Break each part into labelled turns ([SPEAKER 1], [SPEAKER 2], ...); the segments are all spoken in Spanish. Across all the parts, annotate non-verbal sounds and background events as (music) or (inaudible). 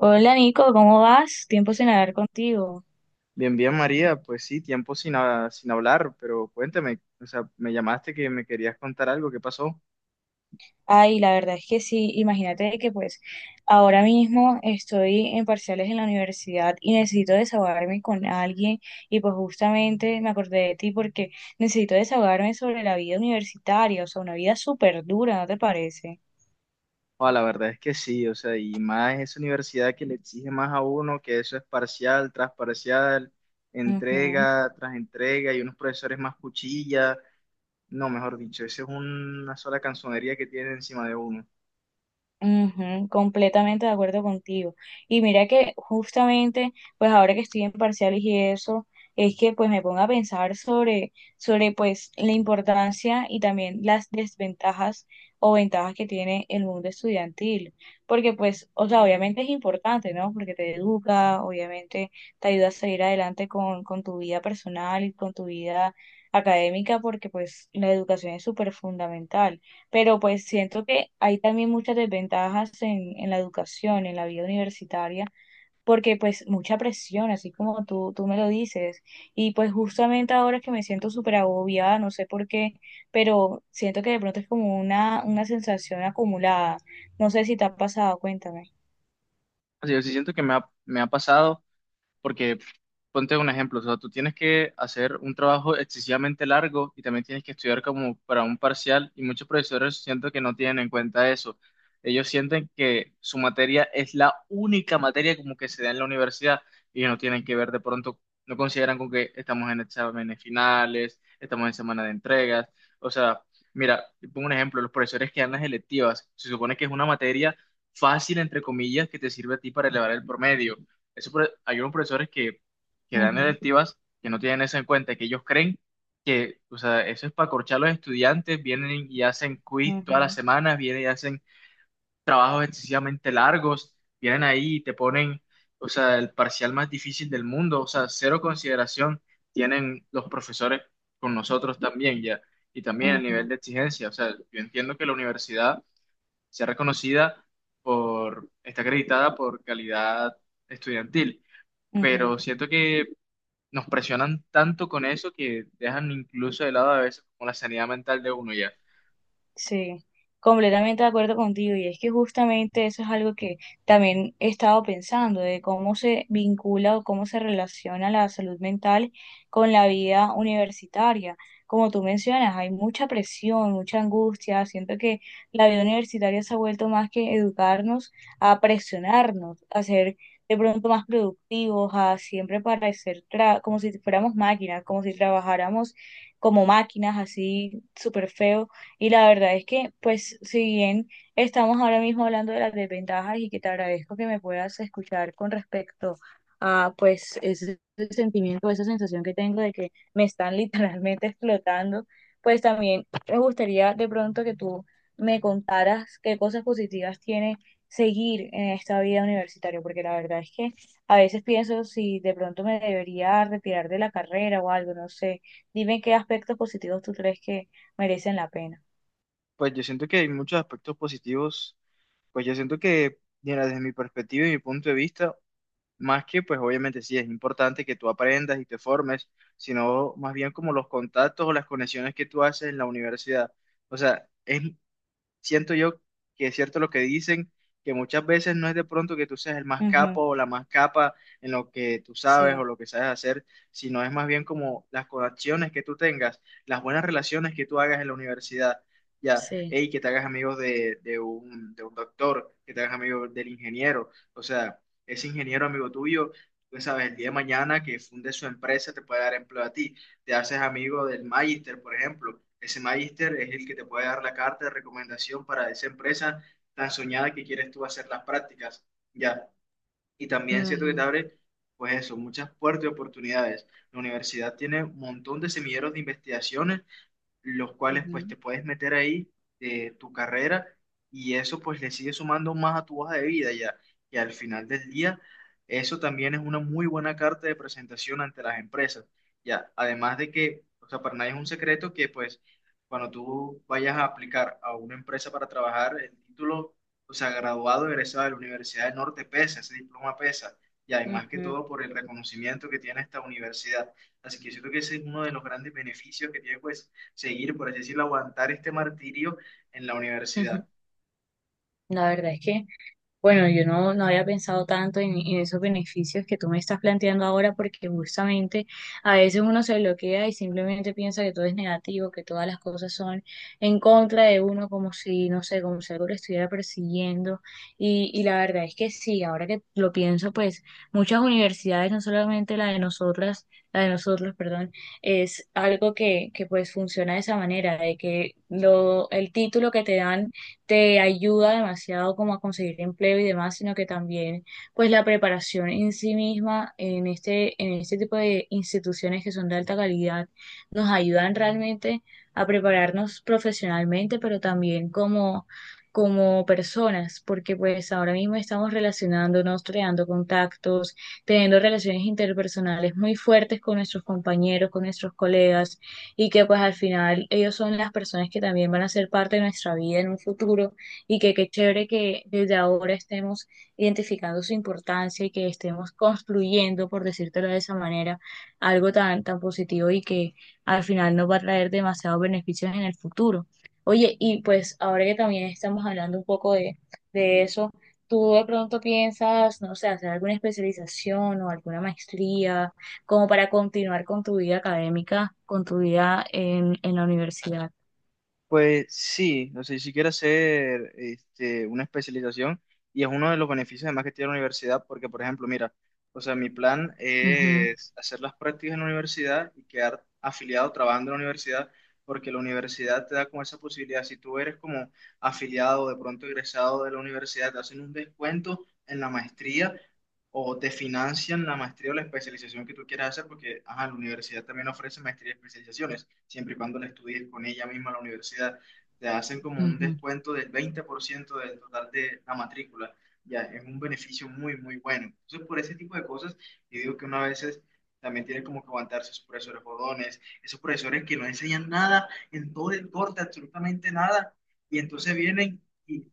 [SPEAKER 1] Hola Nico, ¿cómo vas? Tiempo sin hablar contigo.
[SPEAKER 2] Bien, bien, María, pues sí, tiempo sin, sin hablar, pero cuéntame, o sea, me llamaste que me querías contar algo, ¿qué pasó?
[SPEAKER 1] Ay, la verdad es que sí, imagínate que pues ahora mismo estoy en parciales en la universidad y necesito desahogarme con alguien y pues justamente me acordé de ti porque necesito desahogarme sobre la vida universitaria, o sea, una vida súper dura, ¿no te parece?
[SPEAKER 2] Ah, la verdad es que sí, o sea, y más esa universidad que le exige más a uno, que eso es parcial, tras parcial,
[SPEAKER 1] Ujú.
[SPEAKER 2] entrega, tras entrega, y unos profesores más cuchilla, no, mejor dicho, esa es una sola canzonería que tiene encima de uno.
[SPEAKER 1] Ujú, completamente de acuerdo contigo. Y mira que justamente, pues ahora que estoy en parciales y eso, es que pues me pongo a pensar sobre pues la importancia y también las desventajas o ventajas que tiene el mundo estudiantil. Porque pues, o sea, obviamente es importante, ¿no? Porque te educa, obviamente te ayuda a seguir adelante con tu vida personal y con tu vida académica, porque pues la educación es súper fundamental, pero pues siento que hay también muchas desventajas en la educación, en la vida universitaria, porque pues mucha presión, así como tú me lo dices. Y pues justamente ahora que me siento súper agobiada, no sé por qué, pero siento que de pronto es como una sensación acumulada. No sé si te ha pasado, cuéntame.
[SPEAKER 2] O sea, yo sí siento que me ha pasado. Porque pf, ponte un ejemplo, o sea, tú tienes que hacer un trabajo excesivamente largo y también tienes que estudiar como para un parcial y muchos profesores siento que no tienen en cuenta eso. Ellos sienten que su materia es la única materia como que se da en la universidad y no tienen que ver de pronto, no consideran con que estamos en exámenes finales, estamos en semana de entregas, o sea, mira, te pongo un ejemplo, los profesores que dan las electivas, se supone que es una materia fácil, entre comillas, que te sirve a ti para elevar el promedio, eso hay unos profesores que dan
[SPEAKER 1] Ujú,
[SPEAKER 2] electivas que no tienen eso en cuenta, que ellos creen que, o sea, eso es para corchar a los estudiantes, vienen y hacen quiz todas las
[SPEAKER 1] ujú,
[SPEAKER 2] semanas, vienen y hacen trabajos excesivamente largos, vienen ahí y te ponen, o sea, el parcial más difícil del mundo, o sea, cero consideración tienen los profesores con nosotros también ya, y también el nivel
[SPEAKER 1] ujú,
[SPEAKER 2] de exigencia, o sea, yo entiendo que la universidad sea reconocida por, está acreditada por calidad estudiantil, pero
[SPEAKER 1] ujú.
[SPEAKER 2] siento que nos presionan tanto con eso que dejan incluso de lado a veces como la sanidad mental de uno ya.
[SPEAKER 1] Sí, completamente de acuerdo contigo. Y es que justamente eso es algo que también he estado pensando, de cómo se vincula o cómo se relaciona la salud mental con la vida universitaria. Como tú mencionas, hay mucha presión, mucha angustia. Siento que la vida universitaria se ha vuelto más que educarnos a presionarnos, a ser de pronto más productivos, a siempre parecer como si fuéramos máquinas, como si trabajáramos como máquinas, así súper feo. Y la verdad es que, pues, si bien estamos ahora mismo hablando de las desventajas y que te agradezco que me puedas escuchar con respecto a, pues, ese sentimiento, esa sensación que tengo de que me están (laughs) literalmente explotando, pues también me gustaría de pronto que tú me contaras qué cosas positivas tiene seguir en esta vida universitaria, porque la verdad es que a veces pienso si de pronto me debería retirar de la carrera o algo, no sé. Dime qué aspectos positivos tú crees que merecen la pena.
[SPEAKER 2] Pues yo siento que hay muchos aspectos positivos, pues yo siento que, mira, desde mi perspectiva y mi punto de vista, más que pues obviamente sí es importante que tú aprendas y te formes, sino más bien como los contactos o las conexiones que tú haces en la universidad. O sea, es, siento yo, que es cierto lo que dicen, que muchas veces no es de pronto que tú seas el más capo
[SPEAKER 1] Ujú.
[SPEAKER 2] o la más capa en lo que tú sabes o
[SPEAKER 1] Sí.
[SPEAKER 2] lo que sabes hacer, sino es más bien como las conexiones que tú tengas, las buenas relaciones que tú hagas en la universidad. Ya,
[SPEAKER 1] Sí.
[SPEAKER 2] hey, que te hagas amigos de un doctor, que te hagas amigo del ingeniero, o sea, ese ingeniero amigo tuyo, tú sabes, el día de mañana que funde su empresa te puede dar empleo a ti, te haces amigo del magister, por ejemplo. Ese magister es el que te puede dar la carta de recomendación para esa empresa tan soñada que quieres tú hacer las prácticas, ya. Y también siento que te
[SPEAKER 1] Ujú,
[SPEAKER 2] abre, pues eso, muchas puertas de oportunidades. La universidad tiene un montón de semilleros de investigaciones los cuales pues
[SPEAKER 1] ujú,
[SPEAKER 2] te puedes meter ahí de tu carrera y eso pues le sigue sumando más a tu hoja de vida ya. Y al final del día, eso también es una muy buena carta de presentación ante las empresas. Ya, además de que, o sea, para nadie es un secreto que pues cuando tú vayas a aplicar a una empresa para trabajar, el título, o sea, graduado, egresado de la Universidad del Norte pesa, ese diploma pesa. Y además que
[SPEAKER 1] ujú,
[SPEAKER 2] todo por el reconocimiento que tiene esta universidad. Así que yo creo que ese es uno de los grandes beneficios que tiene pues seguir, por así decirlo, aguantar este martirio en la universidad.
[SPEAKER 1] ujú. La verdad es que, bueno, yo no había pensado tanto en esos beneficios que tú me estás planteando ahora, porque justamente a veces uno se bloquea y simplemente piensa que todo es negativo, que todas las cosas son en contra de uno, como si, no sé, como si algo lo estuviera persiguiendo. Y la verdad es que sí, ahora que lo pienso, pues muchas universidades, no solamente la de nosotras, la de nosotros, perdón, es algo que pues funciona de esa manera, de que lo, el título que te dan te ayuda demasiado como a conseguir empleo y demás, sino que también pues la preparación en sí misma en este tipo de instituciones que son de alta calidad nos ayudan realmente a prepararnos profesionalmente, pero también como como personas, porque pues ahora mismo estamos relacionándonos, creando contactos, teniendo relaciones interpersonales muy fuertes con nuestros compañeros, con nuestros colegas, y que pues al final ellos son las personas que también van a ser parte de nuestra vida en un futuro y que qué chévere que desde ahora estemos identificando su importancia y que estemos construyendo, por decírtelo de esa manera, algo tan, tan positivo y que al final nos va a traer demasiados beneficios en el futuro. Oye, y pues ahora que también estamos hablando un poco de eso, ¿tú de pronto piensas, no sé, hacer alguna especialización o alguna maestría como para continuar con tu vida académica, con tu vida en la universidad?
[SPEAKER 2] Pues sí, o sea, si quieres hacer este, una especialización, y es uno de los beneficios además que tiene la universidad, porque por ejemplo, mira, o sea, mi plan
[SPEAKER 1] Ujú,
[SPEAKER 2] es hacer las prácticas en la universidad y quedar afiliado trabajando en la universidad, porque la universidad te da como esa posibilidad, si tú eres como afiliado, de pronto egresado de la universidad, te hacen un descuento en la maestría o te financian la maestría o la especialización que tú quieras hacer, porque ajá, la universidad también ofrece maestría y especializaciones siempre y cuando la estudies con ella misma en la universidad, te hacen como un
[SPEAKER 1] ujú,
[SPEAKER 2] descuento del 20% del total de la matrícula. Ya, es un beneficio muy, muy bueno. Entonces, por ese tipo de cosas, yo digo que uno a veces también tiene como que aguantarse esos profesores jodones, esos profesores que no enseñan nada en todo el corte, absolutamente nada, y entonces vienen y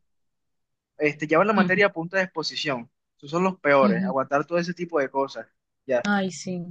[SPEAKER 2] este, llevan la
[SPEAKER 1] ujú,
[SPEAKER 2] materia a punta de exposición. Esos son los peores,
[SPEAKER 1] ujú.
[SPEAKER 2] aguantar todo ese tipo de cosas. Ya.
[SPEAKER 1] Ay, sí.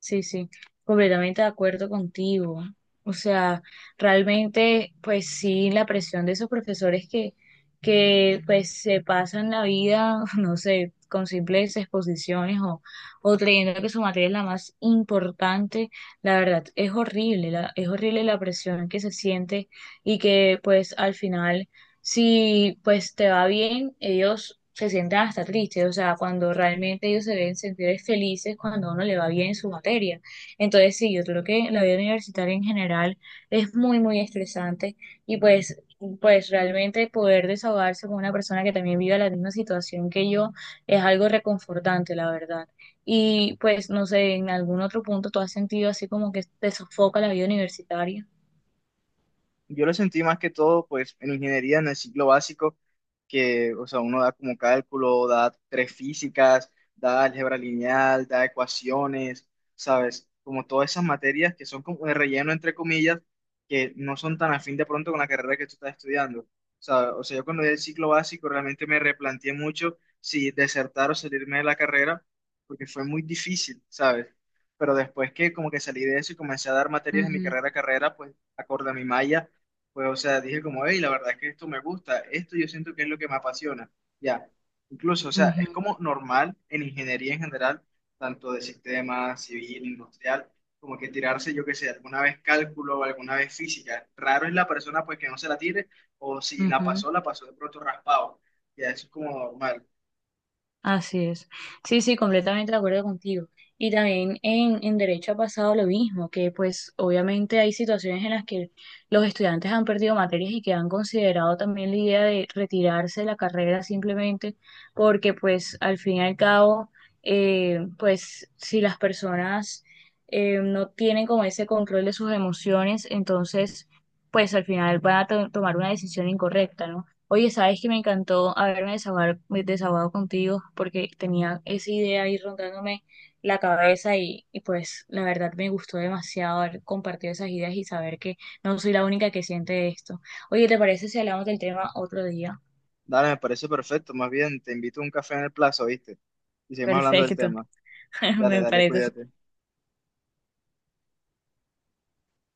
[SPEAKER 1] Sí, sí, completamente de acuerdo contigo. O sea, realmente, pues sí, la presión de esos profesores que pues se pasan la vida, (laughs) no sé, con simples exposiciones o creyendo que su materia es la más importante, la verdad, es horrible la presión que se siente y que pues al final si pues te va bien, ellos se sientan hasta tristes, o sea, cuando realmente ellos se deben sentir felices cuando a uno le va bien en su materia. Entonces, sí, yo creo que la vida universitaria en general es muy, muy estresante y pues, pues realmente poder desahogarse con una persona que también vive la misma situación que yo es algo reconfortante, la verdad. Y pues, no sé, en algún otro punto tú has sentido así como que te sofoca la vida universitaria.
[SPEAKER 2] Yo lo sentí más que todo, pues, en ingeniería, en el ciclo básico, que, o sea, uno da como cálculo, da tres físicas, da álgebra lineal, da ecuaciones, ¿sabes? Como todas esas materias que son como de relleno, entre comillas, que no son tan afín de pronto con la carrera que tú estás estudiando. O sea, yo cuando di el ciclo básico realmente me replanteé mucho si desertar o salirme de la carrera, porque fue muy difícil, ¿sabes? Pero después que como que salí de eso y comencé a dar materias en mi
[SPEAKER 1] Ujú,
[SPEAKER 2] carrera a carrera, pues acorde a mi malla, pues, o sea, dije como, hey, la verdad es que esto me gusta, esto yo siento que es lo que me apasiona. Ya, incluso, o sea, es
[SPEAKER 1] ujú,
[SPEAKER 2] como normal en ingeniería en general, tanto de sistemas, civil, industrial, como que tirarse, yo qué sé, alguna vez cálculo o alguna vez física. Raro es la persona pues que no se la tire, o si la
[SPEAKER 1] ujú.
[SPEAKER 2] pasó, la pasó de pronto raspado. Ya, eso es como normal.
[SPEAKER 1] Así es. Sí, sí, completamente de acuerdo contigo. Y también en derecho ha pasado lo mismo, que pues obviamente hay situaciones en las que los estudiantes han perdido materias y que han considerado también la idea de retirarse de la carrera simplemente porque pues al fin y al cabo, pues si las personas no tienen como ese control de sus emociones, entonces pues al final van a tomar una decisión incorrecta, ¿no? Oye, sabes que me encantó me desahogado contigo porque tenía esa idea ahí rondándome la cabeza y pues la verdad me gustó demasiado haber compartido esas ideas y saber que no soy la única que siente esto. Oye, ¿te parece si hablamos del tema otro día?
[SPEAKER 2] Dale, me parece perfecto, más bien, te invito a un café en el plazo, ¿viste? Y seguimos hablando del
[SPEAKER 1] Perfecto,
[SPEAKER 2] tema.
[SPEAKER 1] (laughs)
[SPEAKER 2] Dale,
[SPEAKER 1] me
[SPEAKER 2] dale,
[SPEAKER 1] parece
[SPEAKER 2] cuídate.